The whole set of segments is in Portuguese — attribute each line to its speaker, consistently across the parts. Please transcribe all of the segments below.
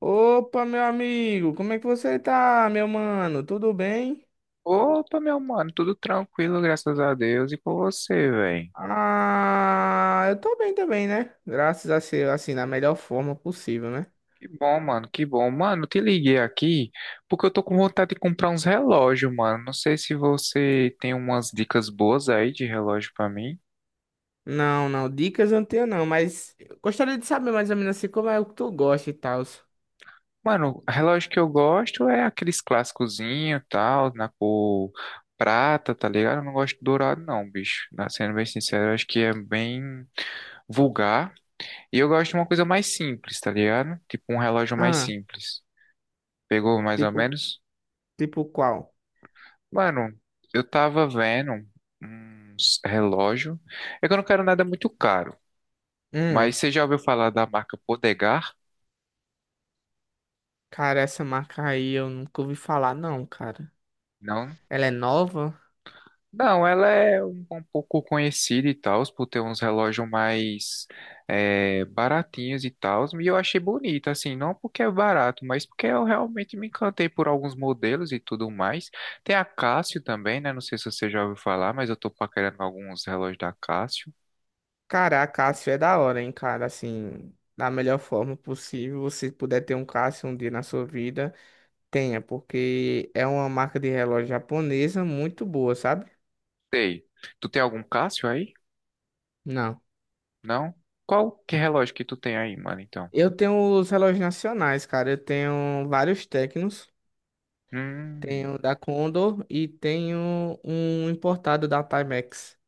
Speaker 1: Opa, meu amigo, como é que você tá, meu mano? Tudo bem?
Speaker 2: Opa, meu mano, tudo tranquilo, graças a Deus. E com você, velho?
Speaker 1: Ah, eu tô bem também, né? Graças a ser assim, na melhor forma possível, né?
Speaker 2: Que bom. Mano, eu te liguei aqui porque eu tô com vontade de comprar uns relógios, mano. Não sei se você tem umas dicas boas aí de relógio pra mim.
Speaker 1: Não, não, dicas eu não tenho não, mas eu gostaria de saber mais ou menos assim como é o que tu gosta e tal.
Speaker 2: Mano, relógio que eu gosto é aqueles clássicozinho, tal, na cor prata, tá ligado? Eu não gosto de dourado, não, bicho. Sendo bem sincero, eu acho que é bem vulgar. E eu gosto de uma coisa mais simples, tá ligado? Tipo um relógio mais
Speaker 1: Ah,
Speaker 2: simples. Pegou mais ou
Speaker 1: tipo,
Speaker 2: menos?
Speaker 1: tipo qual?
Speaker 2: Mano, eu tava vendo uns relógio. É que eu não quero nada muito caro. Mas
Speaker 1: Hum,
Speaker 2: você já ouviu falar da marca Podegar?
Speaker 1: cara, essa marca aí eu nunca ouvi falar não, cara.
Speaker 2: Não?
Speaker 1: Ela é nova?
Speaker 2: Não, ela é um pouco conhecida e tal, por ter uns relógios mais baratinhos e tal. E eu achei bonita, assim, não porque é barato, mas porque eu realmente me encantei por alguns modelos e tudo mais. Tem a Casio também, né? Não sei se você já ouviu falar, mas eu tô paquerando alguns relógios da Casio.
Speaker 1: Cara, a Cássio é da hora, hein, cara, assim, da melhor forma possível, você puder ter um Cássio um dia na sua vida. Tenha, porque é uma marca de relógio japonesa muito boa, sabe?
Speaker 2: Sei. Tu tem algum Cássio aí?
Speaker 1: Não.
Speaker 2: Não? Qual que relógio que tu tem aí, mano, então?
Speaker 1: Eu tenho os relógios nacionais, cara. Eu tenho vários Tecnos.
Speaker 2: Hum.
Speaker 1: Tenho da Condor e tenho um importado da Timex.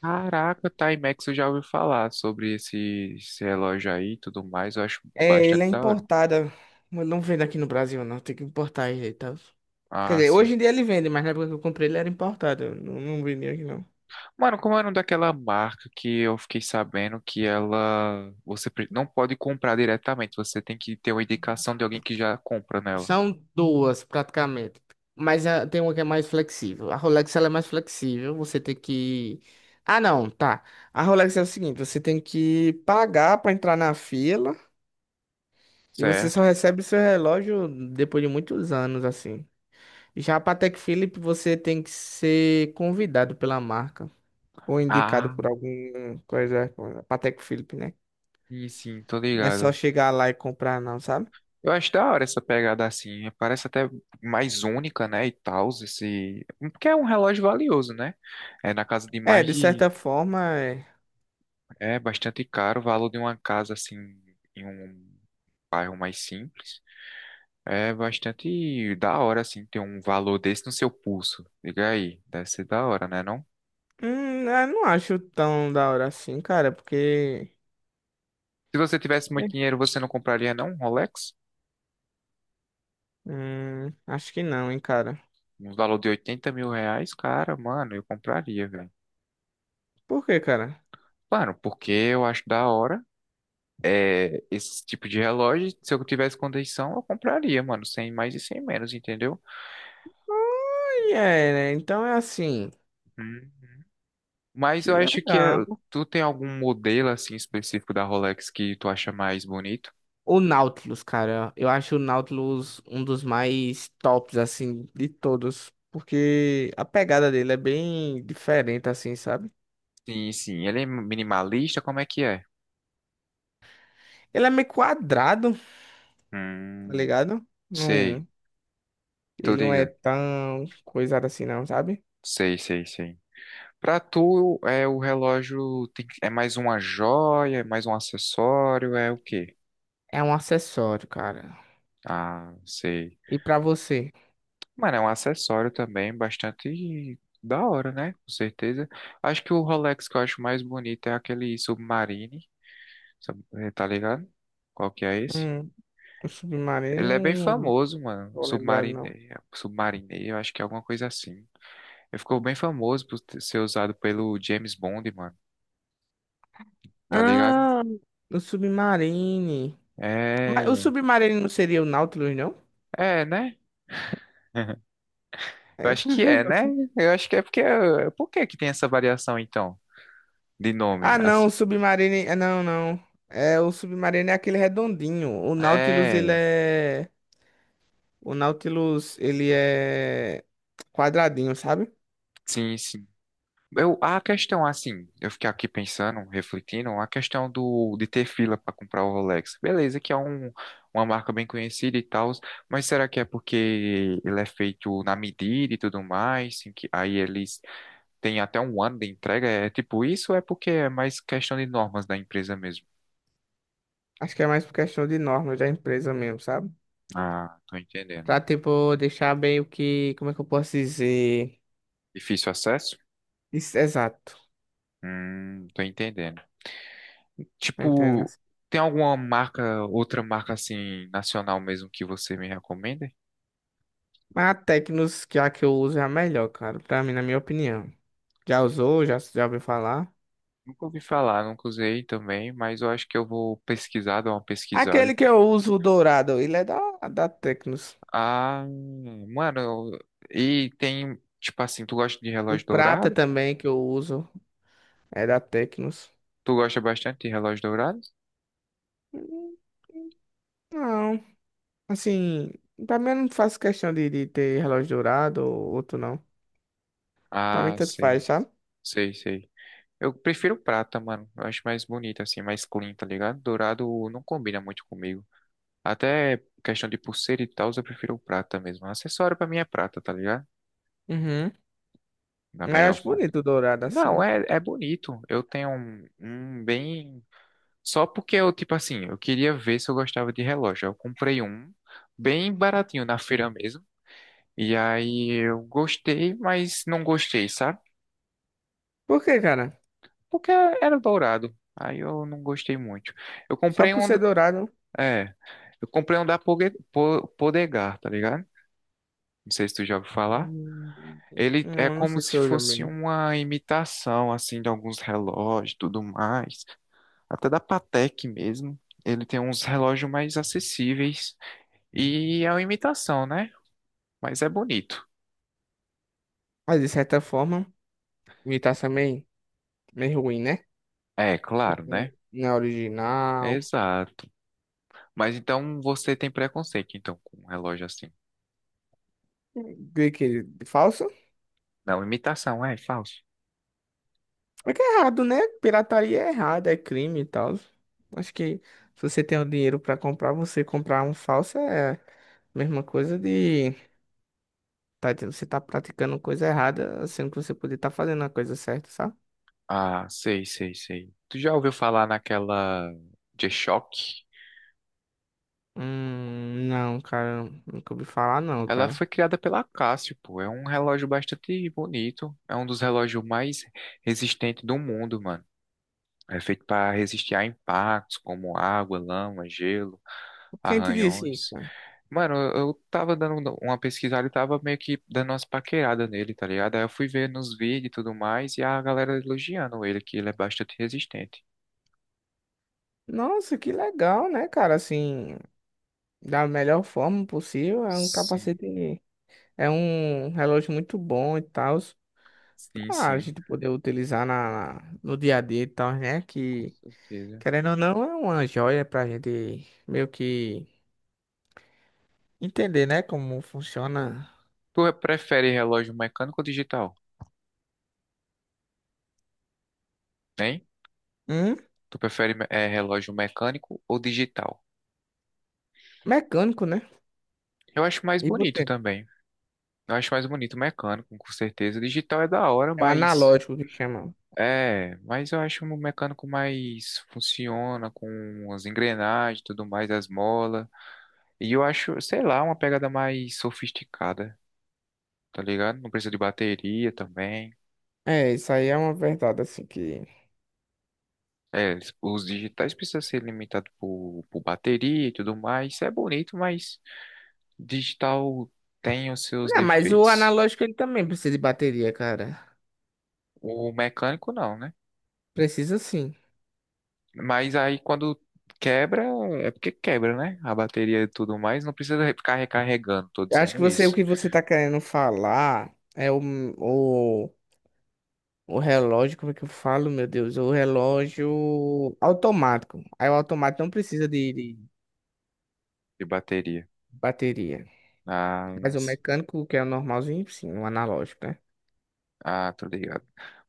Speaker 2: Caraca, Timex, eu já ouvi falar sobre esse relógio aí e tudo mais. Eu acho
Speaker 1: É, ele
Speaker 2: bastante
Speaker 1: é
Speaker 2: da hora.
Speaker 1: importado. Mas não vende aqui no Brasil, não. Tem que importar ele, tá? Quer
Speaker 2: Ah,
Speaker 1: dizer,
Speaker 2: sim.
Speaker 1: hoje em dia ele vende, mas na época que eu comprei ele era importado. Eu Não, não vendia aqui, não.
Speaker 2: Mano, como é o nome daquela marca que eu fiquei sabendo que ela... não pode comprar diretamente. Você tem que ter uma indicação de alguém que já compra nela,
Speaker 1: São duas, praticamente. Mas tem uma que é mais flexível. A Rolex, ela é mais flexível. Você tem que... Ah, não, tá. A Rolex é o seguinte, você tem que pagar pra entrar na fila e você só
Speaker 2: certo?
Speaker 1: recebe seu relógio depois de muitos anos, assim. Já a Patek Philippe, você tem que ser convidado pela marca ou indicado
Speaker 2: Ah,
Speaker 1: por alguma coisa, a Patek Philippe, né?
Speaker 2: sim, sim, tô
Speaker 1: Não é só
Speaker 2: ligado.
Speaker 1: chegar lá e comprar, não, sabe?
Speaker 2: Eu acho da hora essa pegada assim, parece até mais única, né, e tal, esse... Porque é um relógio valioso, né? É na casa de
Speaker 1: É,
Speaker 2: mais
Speaker 1: de
Speaker 2: de...
Speaker 1: certa forma, é.
Speaker 2: É bastante caro o valor de uma casa, assim, em um bairro mais simples. É bastante da hora, assim, ter um valor desse no seu pulso. Diga aí, deve ser da hora, né, não?
Speaker 1: Eu não acho tão da hora assim, cara, porque.
Speaker 2: Se você tivesse muito
Speaker 1: É.
Speaker 2: dinheiro, você não compraria, não, um Rolex?
Speaker 1: Acho que não, hein, cara.
Speaker 2: Um valor de R$ 80.000? Cara, mano, eu compraria, velho.
Speaker 1: Por quê, cara?
Speaker 2: Mano, porque eu acho da hora esse tipo de relógio, se eu tivesse condição, eu compraria, mano, sem mais e sem menos, entendeu?
Speaker 1: Olha, é, né? Então é assim.
Speaker 2: Hum. Mas
Speaker 1: Que
Speaker 2: eu acho que é,
Speaker 1: legal.
Speaker 2: tu tem algum modelo assim específico da Rolex que tu acha mais bonito?
Speaker 1: O Nautilus, cara. Eu acho o Nautilus um dos mais tops, assim, de todos. Porque a pegada dele é bem diferente, assim, sabe?
Speaker 2: Sim, sim, ele é minimalista, como é que é?
Speaker 1: Ele é meio quadrado, tá
Speaker 2: Hum,
Speaker 1: ligado?
Speaker 2: sei,
Speaker 1: Não,
Speaker 2: tô
Speaker 1: ele não é
Speaker 2: ligado.
Speaker 1: tão coisado assim, não, sabe?
Speaker 2: Sei, sei, sei. Pra tu, é o relógio tem que- é mais uma joia, é mais um acessório, é o quê?
Speaker 1: É um acessório, cara.
Speaker 2: Ah, sei.
Speaker 1: E pra você?
Speaker 2: Mano, é um acessório também bastante da hora, né? Com certeza. Acho que o Rolex que eu acho mais bonito é aquele Submarine, tá ligado? Qual que é esse?
Speaker 1: O
Speaker 2: Ele é bem
Speaker 1: Submarino, não
Speaker 2: famoso, mano.
Speaker 1: tô lembrado, não.
Speaker 2: Submarine, Submarine, eu acho que é alguma coisa assim. Ele ficou bem famoso ser usado pelo James Bond, mano. Tá ligado?
Speaker 1: Ah, o Submarine. Mas o
Speaker 2: É,
Speaker 1: Submarine não seria o Nautilus, não?
Speaker 2: é, né? Eu
Speaker 1: É.
Speaker 2: acho que é, né? Eu acho que é porque. Por que que tem essa variação, então, de nome?
Speaker 1: Ah, não,
Speaker 2: As-
Speaker 1: o Submarine. É, não, não. É, o Submarine é aquele redondinho. O Nautilus, ele
Speaker 2: É,
Speaker 1: é. O Nautilus, ele é quadradinho, sabe?
Speaker 2: sim, sim. Eu, a questão, assim, eu fiquei aqui pensando, refletindo, a questão de ter fila para comprar o Rolex. Beleza, que é um, uma marca bem conhecida e tal, mas será que é porque ele é feito na medida e tudo mais, assim, que aí eles têm até um ano de entrega? É tipo isso ou é porque é mais questão de normas da empresa mesmo?
Speaker 1: Acho que é mais por questão de normas da empresa mesmo, sabe?
Speaker 2: Ah, tô entendendo.
Speaker 1: Pra, tipo, deixar bem o que. Como é que eu posso dizer?
Speaker 2: Difícil acesso?
Speaker 1: Isso, exato.
Speaker 2: Tô entendendo.
Speaker 1: Tá entendendo?
Speaker 2: Tipo, tem alguma marca, outra marca, assim, nacional mesmo que você me recomenda?
Speaker 1: Mas a Tecnos, que a que eu uso é a melhor, cara, pra mim, na minha opinião. Já usou? Já ouviu falar?
Speaker 2: Nunca ouvi falar, nunca usei também, mas eu acho que eu vou pesquisar, dar uma pesquisada. E
Speaker 1: Aquele que
Speaker 2: tudo.
Speaker 1: eu uso, o dourado, ele é da, Tecnos.
Speaker 2: Ah, mano, e tem, tipo assim, tu gosta de
Speaker 1: O
Speaker 2: relógio
Speaker 1: prata
Speaker 2: dourado?
Speaker 1: também que eu uso é da Tecnos.
Speaker 2: Tu gosta bastante de relógio dourado?
Speaker 1: Hum, Não, assim, pra mim eu não faço questão de ter relógio dourado ou outro não. Pra mim
Speaker 2: Ah,
Speaker 1: tanto
Speaker 2: sei,
Speaker 1: faz, sabe?
Speaker 2: sei, sei. Eu prefiro prata, mano. Eu acho mais bonito, assim, mais clean, tá ligado? Dourado não combina muito comigo. Até questão de pulseira e tal, eu prefiro prata mesmo. Acessório pra mim é prata, tá ligado?
Speaker 1: Uhum.
Speaker 2: Da
Speaker 1: Mas eu
Speaker 2: melhor
Speaker 1: acho
Speaker 2: forma.
Speaker 1: bonito o dourado
Speaker 2: Não,
Speaker 1: assim.
Speaker 2: é, é bonito. Eu tenho um bem. Só porque eu, tipo assim, eu queria ver se eu gostava de relógio. Eu comprei um bem baratinho na feira mesmo. E aí eu gostei, mas não gostei, sabe?
Speaker 1: Por quê, cara?
Speaker 2: Porque era dourado. Aí eu não gostei muito. Eu
Speaker 1: Só
Speaker 2: comprei
Speaker 1: por
Speaker 2: um,
Speaker 1: ser
Speaker 2: do-
Speaker 1: dourado.
Speaker 2: é, eu comprei um da Podegar, tá ligado? Não sei se tu já ouviu falar. Ele é
Speaker 1: Não
Speaker 2: como
Speaker 1: sei se
Speaker 2: se
Speaker 1: eu já
Speaker 2: fosse
Speaker 1: mesmo.
Speaker 2: uma imitação, assim, de alguns relógios, e tudo mais. Até da Patek mesmo. Ele tem uns relógios mais acessíveis. E é uma imitação, né? Mas é bonito.
Speaker 1: Mas de certa forma, me tá também. Meio ruim, né?
Speaker 2: É, claro,
Speaker 1: Porque
Speaker 2: né?
Speaker 1: não é original.
Speaker 2: Exato. Mas então você tem preconceito, então, com um relógio assim.
Speaker 1: Falso?
Speaker 2: Não, imitação, é falso.
Speaker 1: É que é errado, né? Pirataria é errado, é crime e tal. Acho que se você tem o dinheiro pra comprar, você comprar um falso é a mesma coisa de tá, você tá praticando coisa errada, sendo que você poderia estar fazendo a coisa certa, sabe?
Speaker 2: Ah, sei, sei, sei. Tu já ouviu falar naquela G-Shock?
Speaker 1: Não, cara, nunca ouvi falar não,
Speaker 2: Ela
Speaker 1: cara.
Speaker 2: foi criada pela Casio, pô. É um relógio bastante bonito. É um dos relógios mais resistentes do mundo, mano. É feito para resistir a impactos como água, lama, gelo,
Speaker 1: Quem te disse isso,
Speaker 2: arranhões.
Speaker 1: cara?
Speaker 2: Mano, eu tava dando uma pesquisada e tava meio que dando umas paqueradas nele, tá ligado? Aí eu fui ver nos vídeos e tudo mais, e a galera elogiando ele, que ele é bastante resistente.
Speaker 1: Nossa, que legal, né, cara? Assim, da melhor forma possível, é um
Speaker 2: Sim,
Speaker 1: capacete. É um relógio muito bom e tal,
Speaker 2: sim,
Speaker 1: pra
Speaker 2: sim,
Speaker 1: gente poder utilizar na, no dia a dia e tal, né?
Speaker 2: com
Speaker 1: Que,
Speaker 2: certeza.
Speaker 1: querendo ou não, é uma joia pra gente meio que entender, né? Como funciona
Speaker 2: Tu prefere relógio mecânico ou digital? Hein?
Speaker 1: um
Speaker 2: Tu prefere relógio mecânico ou digital?
Speaker 1: mecânico, né?
Speaker 2: Eu acho mais
Speaker 1: E
Speaker 2: bonito
Speaker 1: você?
Speaker 2: também. Eu acho mais bonito mecânico, com certeza. Digital é da hora,
Speaker 1: É o
Speaker 2: mas
Speaker 1: analógico que chama.
Speaker 2: é, mas eu acho um mecânico mais funciona com as engrenagens, e tudo mais, as molas. E eu acho, sei lá, uma pegada mais sofisticada, tá ligado? Não precisa de bateria também.
Speaker 1: É, isso aí é uma verdade, assim, que...
Speaker 2: É, os digitais precisam ser limitados por bateria e tudo mais. Isso é bonito, mas digital tem os seus
Speaker 1: Não, mas o
Speaker 2: defeitos.
Speaker 1: analógico, ele também precisa de bateria, cara.
Speaker 2: O mecânico não, né?
Speaker 1: Precisa sim.
Speaker 2: Mas aí quando quebra, é porque quebra, né? A bateria e tudo mais, não precisa ficar recarregando, tô
Speaker 1: Eu acho que
Speaker 2: dizendo
Speaker 1: você, o
Speaker 2: isso.
Speaker 1: que você tá querendo falar é o relógio, como é que eu falo, meu Deus? O relógio automático. Aí o automático não precisa de
Speaker 2: De bateria.
Speaker 1: bateria.
Speaker 2: Ah,
Speaker 1: Mas o
Speaker 2: sim.
Speaker 1: mecânico, que é o normalzinho, sim, o analógico, né?
Speaker 2: Ah, tô ligado.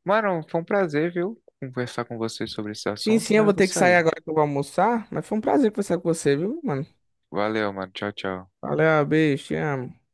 Speaker 2: Mano, foi um prazer, viu? Conversar com você sobre esse
Speaker 1: Sim,
Speaker 2: assunto,
Speaker 1: sim, eu
Speaker 2: mas eu
Speaker 1: vou
Speaker 2: vou
Speaker 1: ter que sair
Speaker 2: sair.
Speaker 1: agora que eu vou almoçar. Mas foi um prazer conversar com você, viu, mano?
Speaker 2: Valeu, mano. Tchau, tchau.
Speaker 1: Valeu, beijo, te amo.